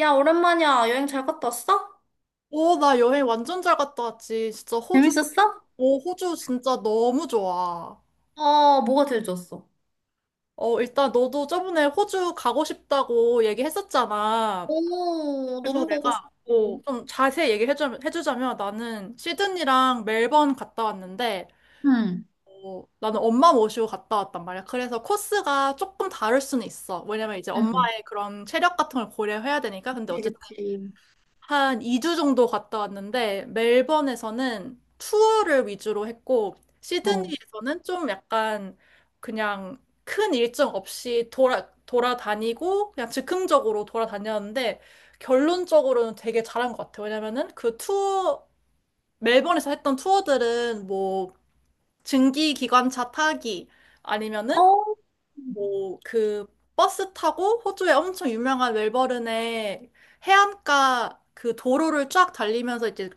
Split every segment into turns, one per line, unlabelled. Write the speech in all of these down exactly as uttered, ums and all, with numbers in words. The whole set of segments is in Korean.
야, 오랜만이야. 여행 잘 갔다 왔어?
오, 나 여행 완전 잘 갔다 왔지. 진짜 호주,
재밌었어?
오, 호주 진짜 너무 좋아.
어, 뭐가 제일 좋았어?
어, 일단 너도 저번에 호주 가고 싶다고 얘기했었잖아.
오,
그래서
너무 가고 싶어.
내가 어, 좀 자세히 얘기해주자면, 해주자면 나는 시드니랑 멜번 갔다 왔는데,
응,
어, 나는 엄마 모시고 갔다 왔단 말이야. 그래서 코스가 조금 다를 수는 있어. 왜냐면 이제
응,
엄마의 그런 체력 같은 걸 고려해야 되니까. 근데
그치,
어쨌든
그치.
한 이 주 정도 갔다 왔는데 멜번에서는 투어를 위주로 했고
어,
시드니에서는 좀 약간 그냥 큰 일정 없이 돌아 돌아다니고 그냥 즉흥적으로 돌아다녔는데 결론적으로는 되게 잘한 것 같아요. 왜냐면은 그 투어 멜번에서 했던 투어들은 뭐 증기 기관차 타기
어,
아니면은 뭐 그 버스 타고 호주의 엄청 유명한 멜버른의 해안가 그 도로를 쫙 달리면서 이제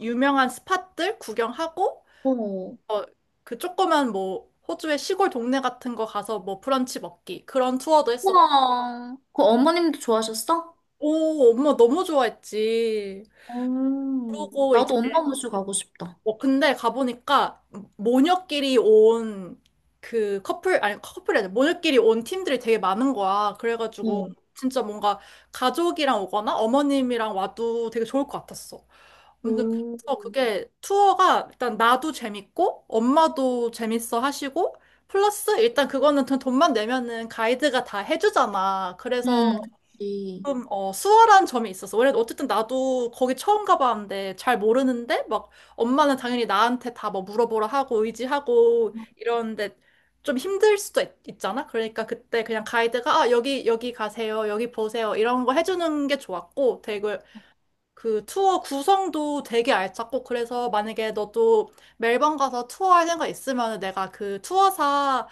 유명한 스팟들 구경하고
어,
어, 그 조그만 뭐 호주의 시골 동네 같은 거 가서 뭐 브런치 먹기 그런 투어도 했었고
우와. 그 어머님도 좋아하셨어?
오, 엄마 너무 좋아했지.
어,
그러고 이제
나도 엄마 모시고 가고 싶다.
어, 근데 가보니까 모녀끼리 온 그 커플, 아니 커플이 아니라 모녀끼리 온 팀들이 되게 많은 거야. 그래가지고
어,
진짜 뭔가 가족이랑 오거나 어머님이랑 와도 되게 좋을 것 같았어. 아무튼
오,
그래서 그게 투어가 일단 나도 재밌고 엄마도 재밌어 하시고 플러스 일단 그거는 돈- 돈만 내면은 가이드가 다 해주잖아. 그래서
응, 그치.
좀, 어, 수월한 점이 있었어. 원래 어쨌든 나도 거기 처음 가봤는데 잘 모르는데 막 엄마는 당연히 나한테 다 뭐 물어보라 하고 의지하고 이러는데 좀 힘들 수도 있, 있잖아. 그러니까 그때 그냥 가이드가 아, 여기, 여기 가세요. 여기 보세요. 이런 거 해주는 게 좋았고 되게 그 투어 구성도 되게 알찼고 그래서 만약에 너도 멜번 가서 투어 할 생각 있으면 내가 그 투어사랑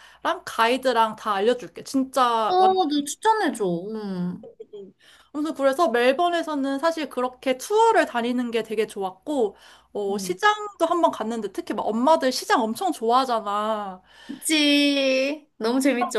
가이드랑 다 알려줄게. 진짜
어, 너 추천해줘. 응.
음. 아무튼 그래서 멜번에서는 사실 그렇게 투어를 다니는 게 되게 좋았고, 어,
응.
시장도 한번 갔는데 특히 막 엄마들 시장 엄청 좋아하잖아.
그치. 너무 재밌지,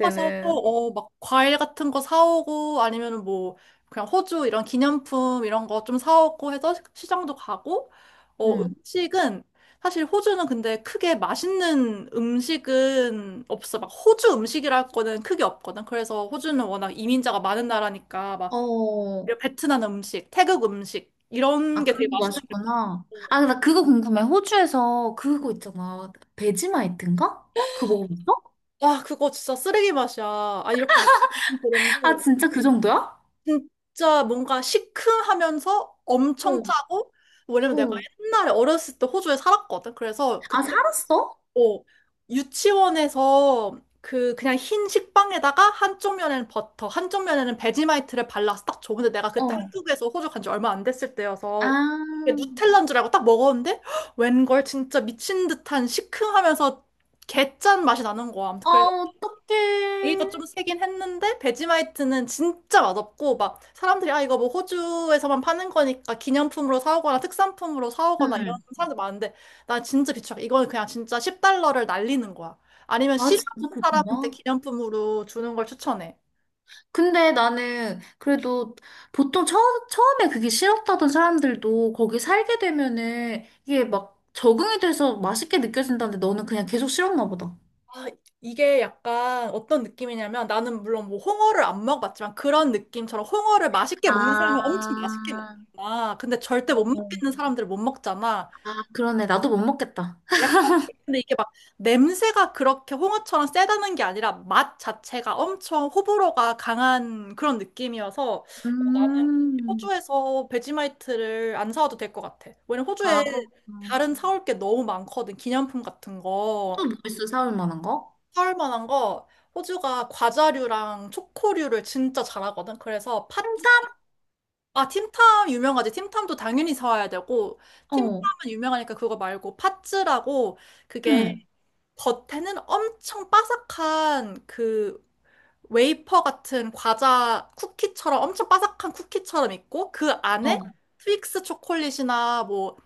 가서 또, 어, 막 과일 같은 거 사오고 아니면 뭐 그냥 호주 이런 기념품 이런 거 좀 사오고 해서 시- 시장도 가고, 어,
응.
음식은 사실 호주는 근데 크게 맛있는 음식은 없어. 막 호주 음식이랄 거는 크게 없거든. 그래서 호주는 워낙 이민자가 많은 나라니까 막
어.
그리고 베트남 음식, 태국 음식 이런
아,
게 되게
그런 게
맛있는 게
맛있구나. 아, 나 그거 궁금해. 호주에서 그거 있잖아. 베지마이트인가? 그거 먹어봤어?
와, 그거 진짜 쓰레기 맛이야. 아, 이렇게 맛있는 그런
아,
거
진짜 그 정도야?
진짜 뭔가 시큼하면서 엄청
응,
짜고 왜냐면 내가
응.
옛날에 어렸을 때 호주에 살았거든. 그래서
아,
그때
살았어?
어, 유치원에서 그 그냥 흰 식빵에다가 한쪽 면에는 버터, 한쪽 면에는 베지마이트를 발라서 딱 줘. 근데 내가 그때
어.
한국에서 호주 간지 얼마 안 됐을 때여서 이게
아,
누텔라인 줄 알고 딱 먹었는데 헉, 웬걸 진짜 미친 듯한 시큼하면서 개짠 맛이 나는 거야.
아,
아무튼 그래
어떡해.
얘기가 좀 세긴 했는데 베지마이트는 진짜 맛없고 막 사람들이 아 이거 뭐 호주에서만 파는 거니까 기념품으로 사오거나 특산품으로 사오거나 이런
응.
사람들 많은데 난 진짜 비추 이거는 그냥 진짜 십 달러를 날리는 거야. 아니면
아,
싫어하는
진짜
사람한테
그렇구나.
기념품으로 주는 걸 추천해.
근데 나는 그래도 보통 처음, 처음에 그게 싫었다던 사람들도 거기 살게 되면은 이게 막 적응이 돼서 맛있게 느껴진다는데 너는 그냥 계속 싫었나 보다.
아, 이게 약간 어떤 느낌이냐면 나는 물론 뭐 홍어를 안 먹어봤지만 그런 느낌처럼 홍어를 맛있게 먹는
아,
사람은 엄청 맛있게 먹잖아. 근데 절대 못
어.
먹겠는 사람들은 못 먹잖아.
아, 그러네. 나도 못 먹겠다.
약간 근데 이게 막 냄새가 그렇게 홍어처럼 세다는 게 아니라 맛 자체가 엄청 호불호가 강한 그런 느낌이어서 어, 나는
음.
호주에서 베지마이트를 안 사와도 될 것 같아. 왜냐면 호주에
아, 그렇구나.
다른 사올 게 너무 많거든. 기념품 같은
또
거.
뭐 있어? 사올 만한 거?
사올 만한 거 호주가 과자류랑 초코류를 진짜 잘하거든. 그래서 팥, 아, 틴탐 유명하지. 틴탐도 당연히 사와야 되고 틴탐은
어.
유명하니까 그거 말고 팥즈라고 그게
응.
겉에는 엄청 바삭한 그 웨이퍼 같은 과자 쿠키처럼 엄청 바삭한 쿠키처럼 있고 그 안에
어.
트윅스 초콜릿이나 뭐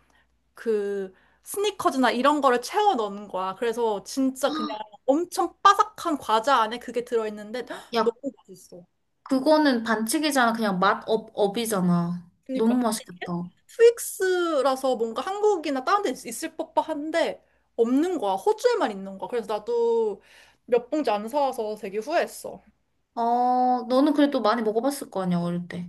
그 스니커즈나 이런 거를 채워 넣는 거야. 그래서 진짜 그냥 엄청 바삭한 과자 안에 그게 들어있는데 너무
야,
맛있어.
그거는 반칙이잖아. 그냥 맛 업, 업이잖아. 너무
그러니까
맛있겠다.
트윅스라서 뭔가 한국이나 다른 데 있- 을 법한데 없는 거야. 호주에만 있는 거야. 그래서 나도 몇 봉지 안 사와서 되게 후회했어.
어, 너는 그래도 많이 먹어봤을 거 아니야, 어릴 때.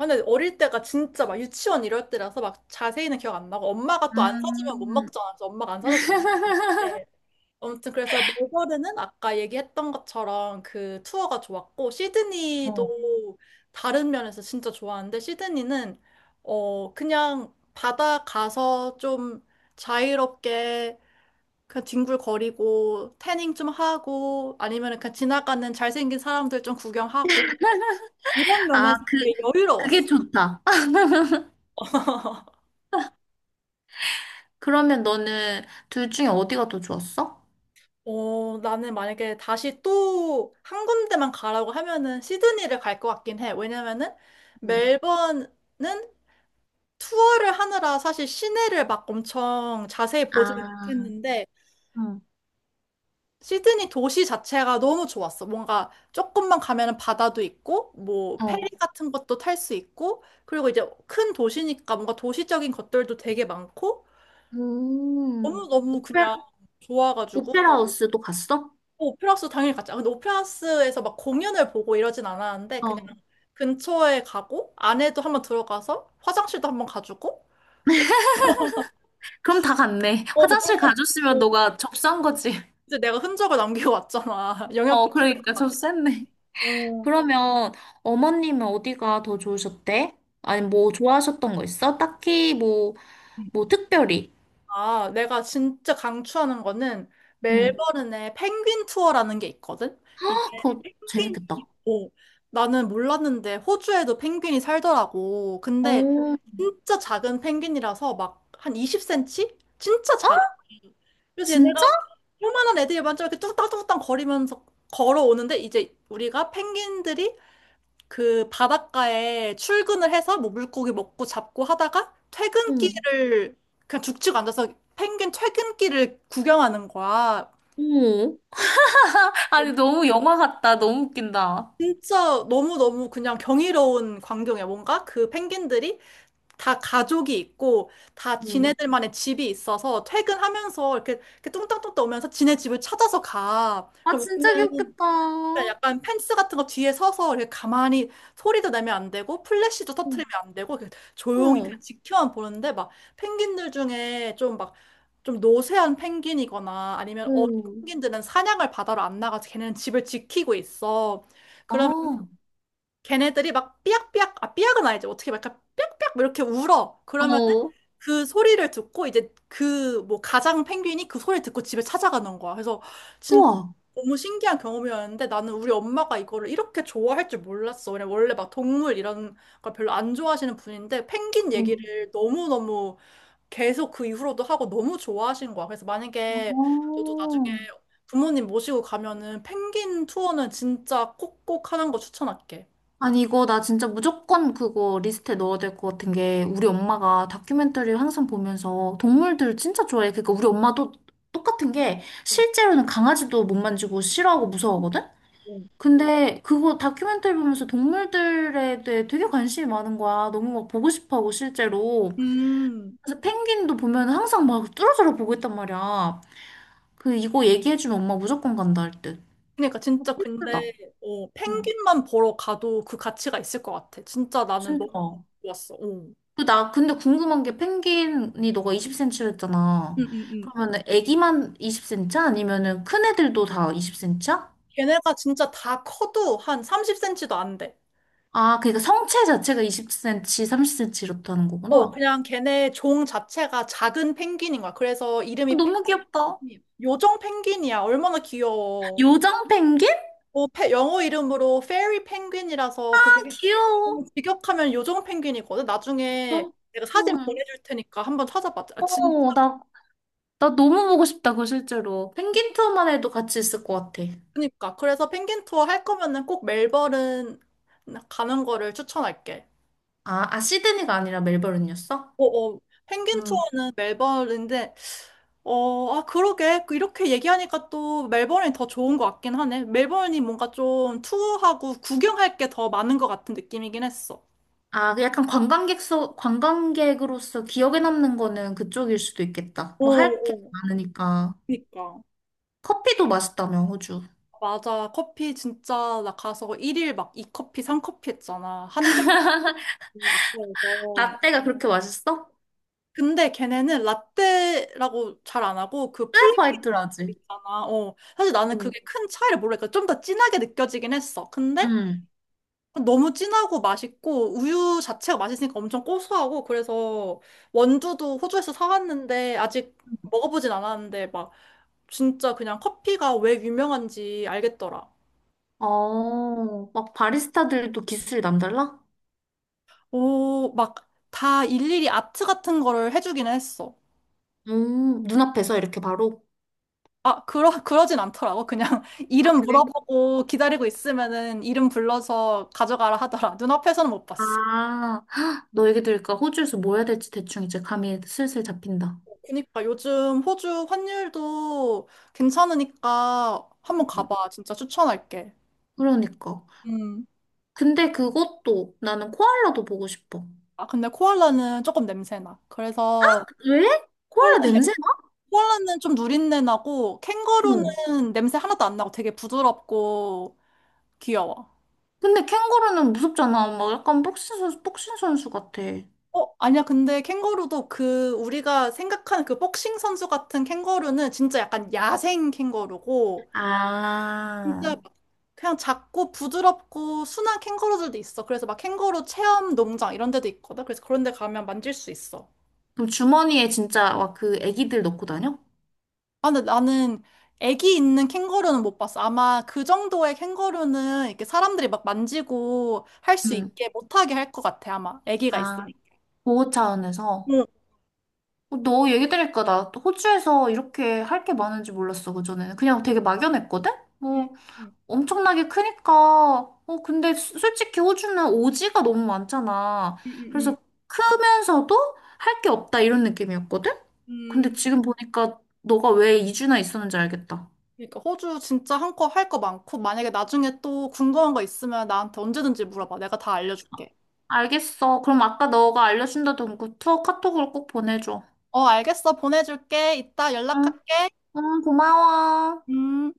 아, 근데 어릴 때가 진짜 막 유치원 이럴 때라서 막 자세히는 기억 안 나고 엄마가 또 안 사주면 못
음.
먹잖아. 그래서 엄마가 안 사줘서 못 먹는데 아무튼 그래서 멜버른은 아까 얘기했던 것처럼 그 투어가 좋았고
어.
시드니도 다른 면에서 진짜 좋았는데 시드니는 어 그냥 바다 가서 좀 자유롭게 그냥 뒹굴거리고 태닝 좀 하고 아니면 그냥 지나가는 잘생긴 사람들 좀 구경하고 이런
아,
면에서
그,
되게 여유로웠어.
그게 좋다. 그러면 너는 둘 중에 어디가 더 좋았어?
어, 나는 만약에 다시 또 한 군데만 가라고 하면은 시드니를 갈 것 같긴 해. 왜냐면은
음.
멜번은 투어를 하느라 사실 시내를 막 엄청 자세히 보지는
아,
못했는데
응.
시드니 도시 자체가 너무 좋았어. 뭔가 조금만 가면은 바다도 있고 뭐 페리
어.
같은 것도 탈 수 있고 그리고 이제 큰 도시니까 뭔가 도시적인 것들도 되게 많고
음.
너무너무 그냥 좋아가지고
오페라 하우스도 갔어?
오페라 하우스 당연히 갔죠. 근데 오페라 하우스에서 막 공연을 보고 이러진 않았는데 그냥
어,
근처에 가고 안에도 한번 들어가서 화장실도 한번 가주고 어,
그럼 다 갔네.
어,
화장실
그러면
가줬으면
어,
너가 접수한 거지.
이제 내가 흔적을 남기고 왔잖아. 영역
어,
표시를.
그러니까 접수했네.
어.
그러면 어머님은 어디가 더 좋으셨대? 아니, 뭐 좋아하셨던 거 있어? 딱히 뭐, 뭐 특별히.
아, 내가 진짜 강추하는 거는
응.
멜버른에 펭귄 투어라는 게 있거든? 이게
아, 그거
펭귄이
재밌겠다.
있고 나는 몰랐는데 호주에도 펭귄이 살더라고. 근데
어,
진짜 작은 펭귄이라서 막 한 이십 센티미터? 진짜 작아. 그래서
진짜?
얘네가 요만한 애들이 먼저 이렇게 뚝딱뚝딱 거리면서 걸어오는데 이제 우리가 펭귄들이 그 바닷가에 출근을 해서 뭐 물고기 먹고 잡고 하다가
응,
퇴근길을 그냥 죽치고 앉아서 펭귄 퇴근길을 구경하는 거야.
오. 아니, 너무 영화 같다. 너무 웃긴다.
진짜 너무너무 그냥 경이로운 광경이야. 뭔가 그 펭귄들이 다 가족이 있고 다
응,
지네들만의 집이 있어서 퇴근하면서 이렇게, 이렇게 뚱땅뚱땅 오면서 지네 집을 찾아서 가.
아,
그럼
진짜
우리는
귀엽겠다.
그러니까 약간 펜스 같은 거 뒤에 서서 이렇게 가만히 소리도 내면 안 되고 플래시도
응,
터트리면 안 되고 이렇게 조용히 그냥
응
지켜만 보는데 막 펭귄들 중에 좀 막 좀 노쇠한 펭귄이거나 아니면 어린
응.
펭귄들은 사냥을 바다로 안 나가서 걔네는 집을 지키고 있어.
아,
걔네들이 막 삐약삐약, 아, 삐약은 아니지. 어떻게 막 약간 삐약삐약 뭐 이렇게 울어. 그러면
어.
그 소리를 듣고 이제 그 뭐 가장 펭귄이 그 소리를 듣고 집에 찾아가는 거야. 그래서 진짜
우와,
너무 신기한 경험이었는데 나는 우리 엄마가 이거를 이렇게 좋아할 줄 몰랐어. 그냥 원래 막 동물 이런 걸 별로 안 좋아하시는 분인데 펭귄
응.
얘기를 너무너무 계속 그 이후로도 하고 너무 좋아하신 거야. 그래서 만약에 너도 나중에
오.
부모님 모시고 가면은 펭귄 투어는 진짜 꼭꼭 하는 거 추천할게.
아니, 이거 나 진짜 무조건 그거 리스트에 넣어야 될 것 같은 게, 우리 엄마가 다큐멘터리를 항상 보면서 동물들 진짜 좋아해. 그러니까 우리 엄마도 똑같은 게, 실제로는 강아지도 못 만지고 싫어하고 무서워하거든?
음.
근데 그거 다큐멘터리 보면서 동물들에 대해 되게 관심이 많은 거야. 너무 막 보고 싶어 하고, 실제로.
음,
그래서 펭귄도 보면 항상 막 뚫어져라 보고 있단 말이야. 그, 이거 얘기해주면 엄마 무조건 간다 할 듯.
그러니까
어,
진짜
필수다.
근데 어,
응,
펭귄만 보러 가도 그 가치가 있을 것 같아. 진짜 나는
진짜.
너무 좋았어. 어. 음,
그 나 근데 궁금한 게 펭귄이 너가 이십 센티미터 였 했잖아.
음, 음.
그러면은 애기만 이십 센티미터 아니면은 큰 애들도 다 이십 센티미터야?
걔네가 진짜 다 커도 한 삼십 센티미터도 안 돼.
아, 그러니까 성체 자체가 이십 센티미터, 삼십 센티미터 이렇다는
어,
거구나.
그냥 걔네 종 자체가 작은 펭귄인 거야. 그래서
아,
이름이
너무 귀엽다.
펭귄, 요정 펭귄이야. 얼마나 귀여워.
요정 펭귄? 아,
어, 페- 영어 이름으로 페리 펭귄이라서 그게
귀여워.
너무 직역하면 요정 펭귄이거든. 나중에
너,
내가 사진
응.
보내줄 테니까 한번 찾아봐. 아,
어, 나, 나 너무 보고 싶다, 그거 실제로. 펭귄 투어만 해도 같이 있을 것 같아.
그러니까 그래서 펭귄 투어 할 거면은 꼭 멜버른 가는 거를 추천할게.
아, 아, 시드니가 아니라 멜버른이었어?
어, 어. 펭귄
음.
투어는 멜버른인데 어, 아 그러게 그 이렇게 얘기하니까 또 멜버른이 더 좋은 것 같긴 하네. 멜버른이 뭔가 좀 투어하고 구경할 게 더 많은 것 같은 느낌이긴 했어.
아, 그 약간 관광객서, 관광객으로서 기억에 남는 거는 그쪽일 수도 있겠다.
어,
뭐 할 게
어.
많으니까.
그니까.
커피도 맛있다며, 호주.
맞아. 커피 진짜 나 가서 일일 막 이커피삼커피 했잖아. 한 잔만 아까워서.
라떼가 그렇게 맛있어?
근데 걔네는 라떼라고 잘 안 하고 그
그래서 화이트라지.
있잖아. 어. 사실 나는
응.
그게 큰 차이를 모르니까 좀 더 진하게 느껴지긴 했어. 근데
응.
너무 진하고 맛있고 우유 자체가 맛있으니까 엄청 고소하고 그래서 원두도 호주에서 사왔는데 아직 먹어보진 않았는데 막 진짜 그냥 커피가 왜 유명한지 알겠더라.
어, 막 바리스타들도 기술이 남달라?
오, 막 다 일일이 아트 같은 거를 해주긴 했어.
음, 눈앞에서 이렇게 바로.
아, 그러, 그러진 않더라고. 그냥
아,
이름
그래?
물어보고 기다리고 있으면은 이름 불러서 가져가라 하더라. 눈앞에서는 못 봤어.
아, 헉, 너 얘기 들으니까 호주에서 뭐 해야 될지 대충 이제 감이 슬슬 잡힌다.
그니까 요즘 호주 환율도 괜찮으니까 한번
음.
가봐. 진짜 추천할게.
그러니까.
음.
근데 그것도 나는 코알라도 보고 싶어.
아, 근데 코알라는 조금 냄새나. 그래서
왜? 코알라
코알라는,
냄새
코알라는 좀 누린내 나고
응.
캥거루는 냄새 하나도 안 나고 되게 부드럽고 귀여워.
근데 캥거루는 무섭잖아. 막 약간 복싱 선수, 복싱 선수 같아.
어, 아니야. 근데 캥거루도 그 우리가 생각하는 그 복싱 선수 같은 캥거루는 진짜 약간 야생 캥거루고 진짜
아.
막 그냥 작고 부드럽고 순한 캥거루들도 있어. 그래서 막 캥거루 체험 농장 이런 데도 있거든. 그래서 그런 데 가면 만질 수 있어.
그럼 주머니에 진짜 막 그 애기들 넣고 다녀?
아, 근데 나는 애기 있는 캥거루는 못 봤어. 아마 그 정도의 캥거루는 이렇게 사람들이 막 만지고 할 수
응.
있게 못하게 할 것 같아. 아마 애기가
아,
있으니까.
보호 차원에서.
응.
어, 너 얘기 들으니까 나 호주에서 이렇게 할 게 많은지 몰랐어, 그전에는. 그냥 되게 막연했거든?
응,
뭐
응,
엄청나게 크니까, 어, 근데 수- 솔직히 호주는 오지가 너무 많잖아.
응, 응.
그래서 크면서도 할 게 없다 이런 느낌이었거든? 근데
응.
지금 보니까 너가 왜 이 주나 있었는지 알겠다.
그러니까 호주 진짜 한껏 할 거 많고 만약에 나중에 또 궁금한 거 있으면 나한테 언제든지 물어봐. 내가 다 알려줄게.
알겠어. 그럼 아까 너가 알려준다던 그 투어 카톡으로 꼭 보내줘.
어, 알겠어. 보내줄게. 이따
응,
연락할게.
응, 고마워.
음.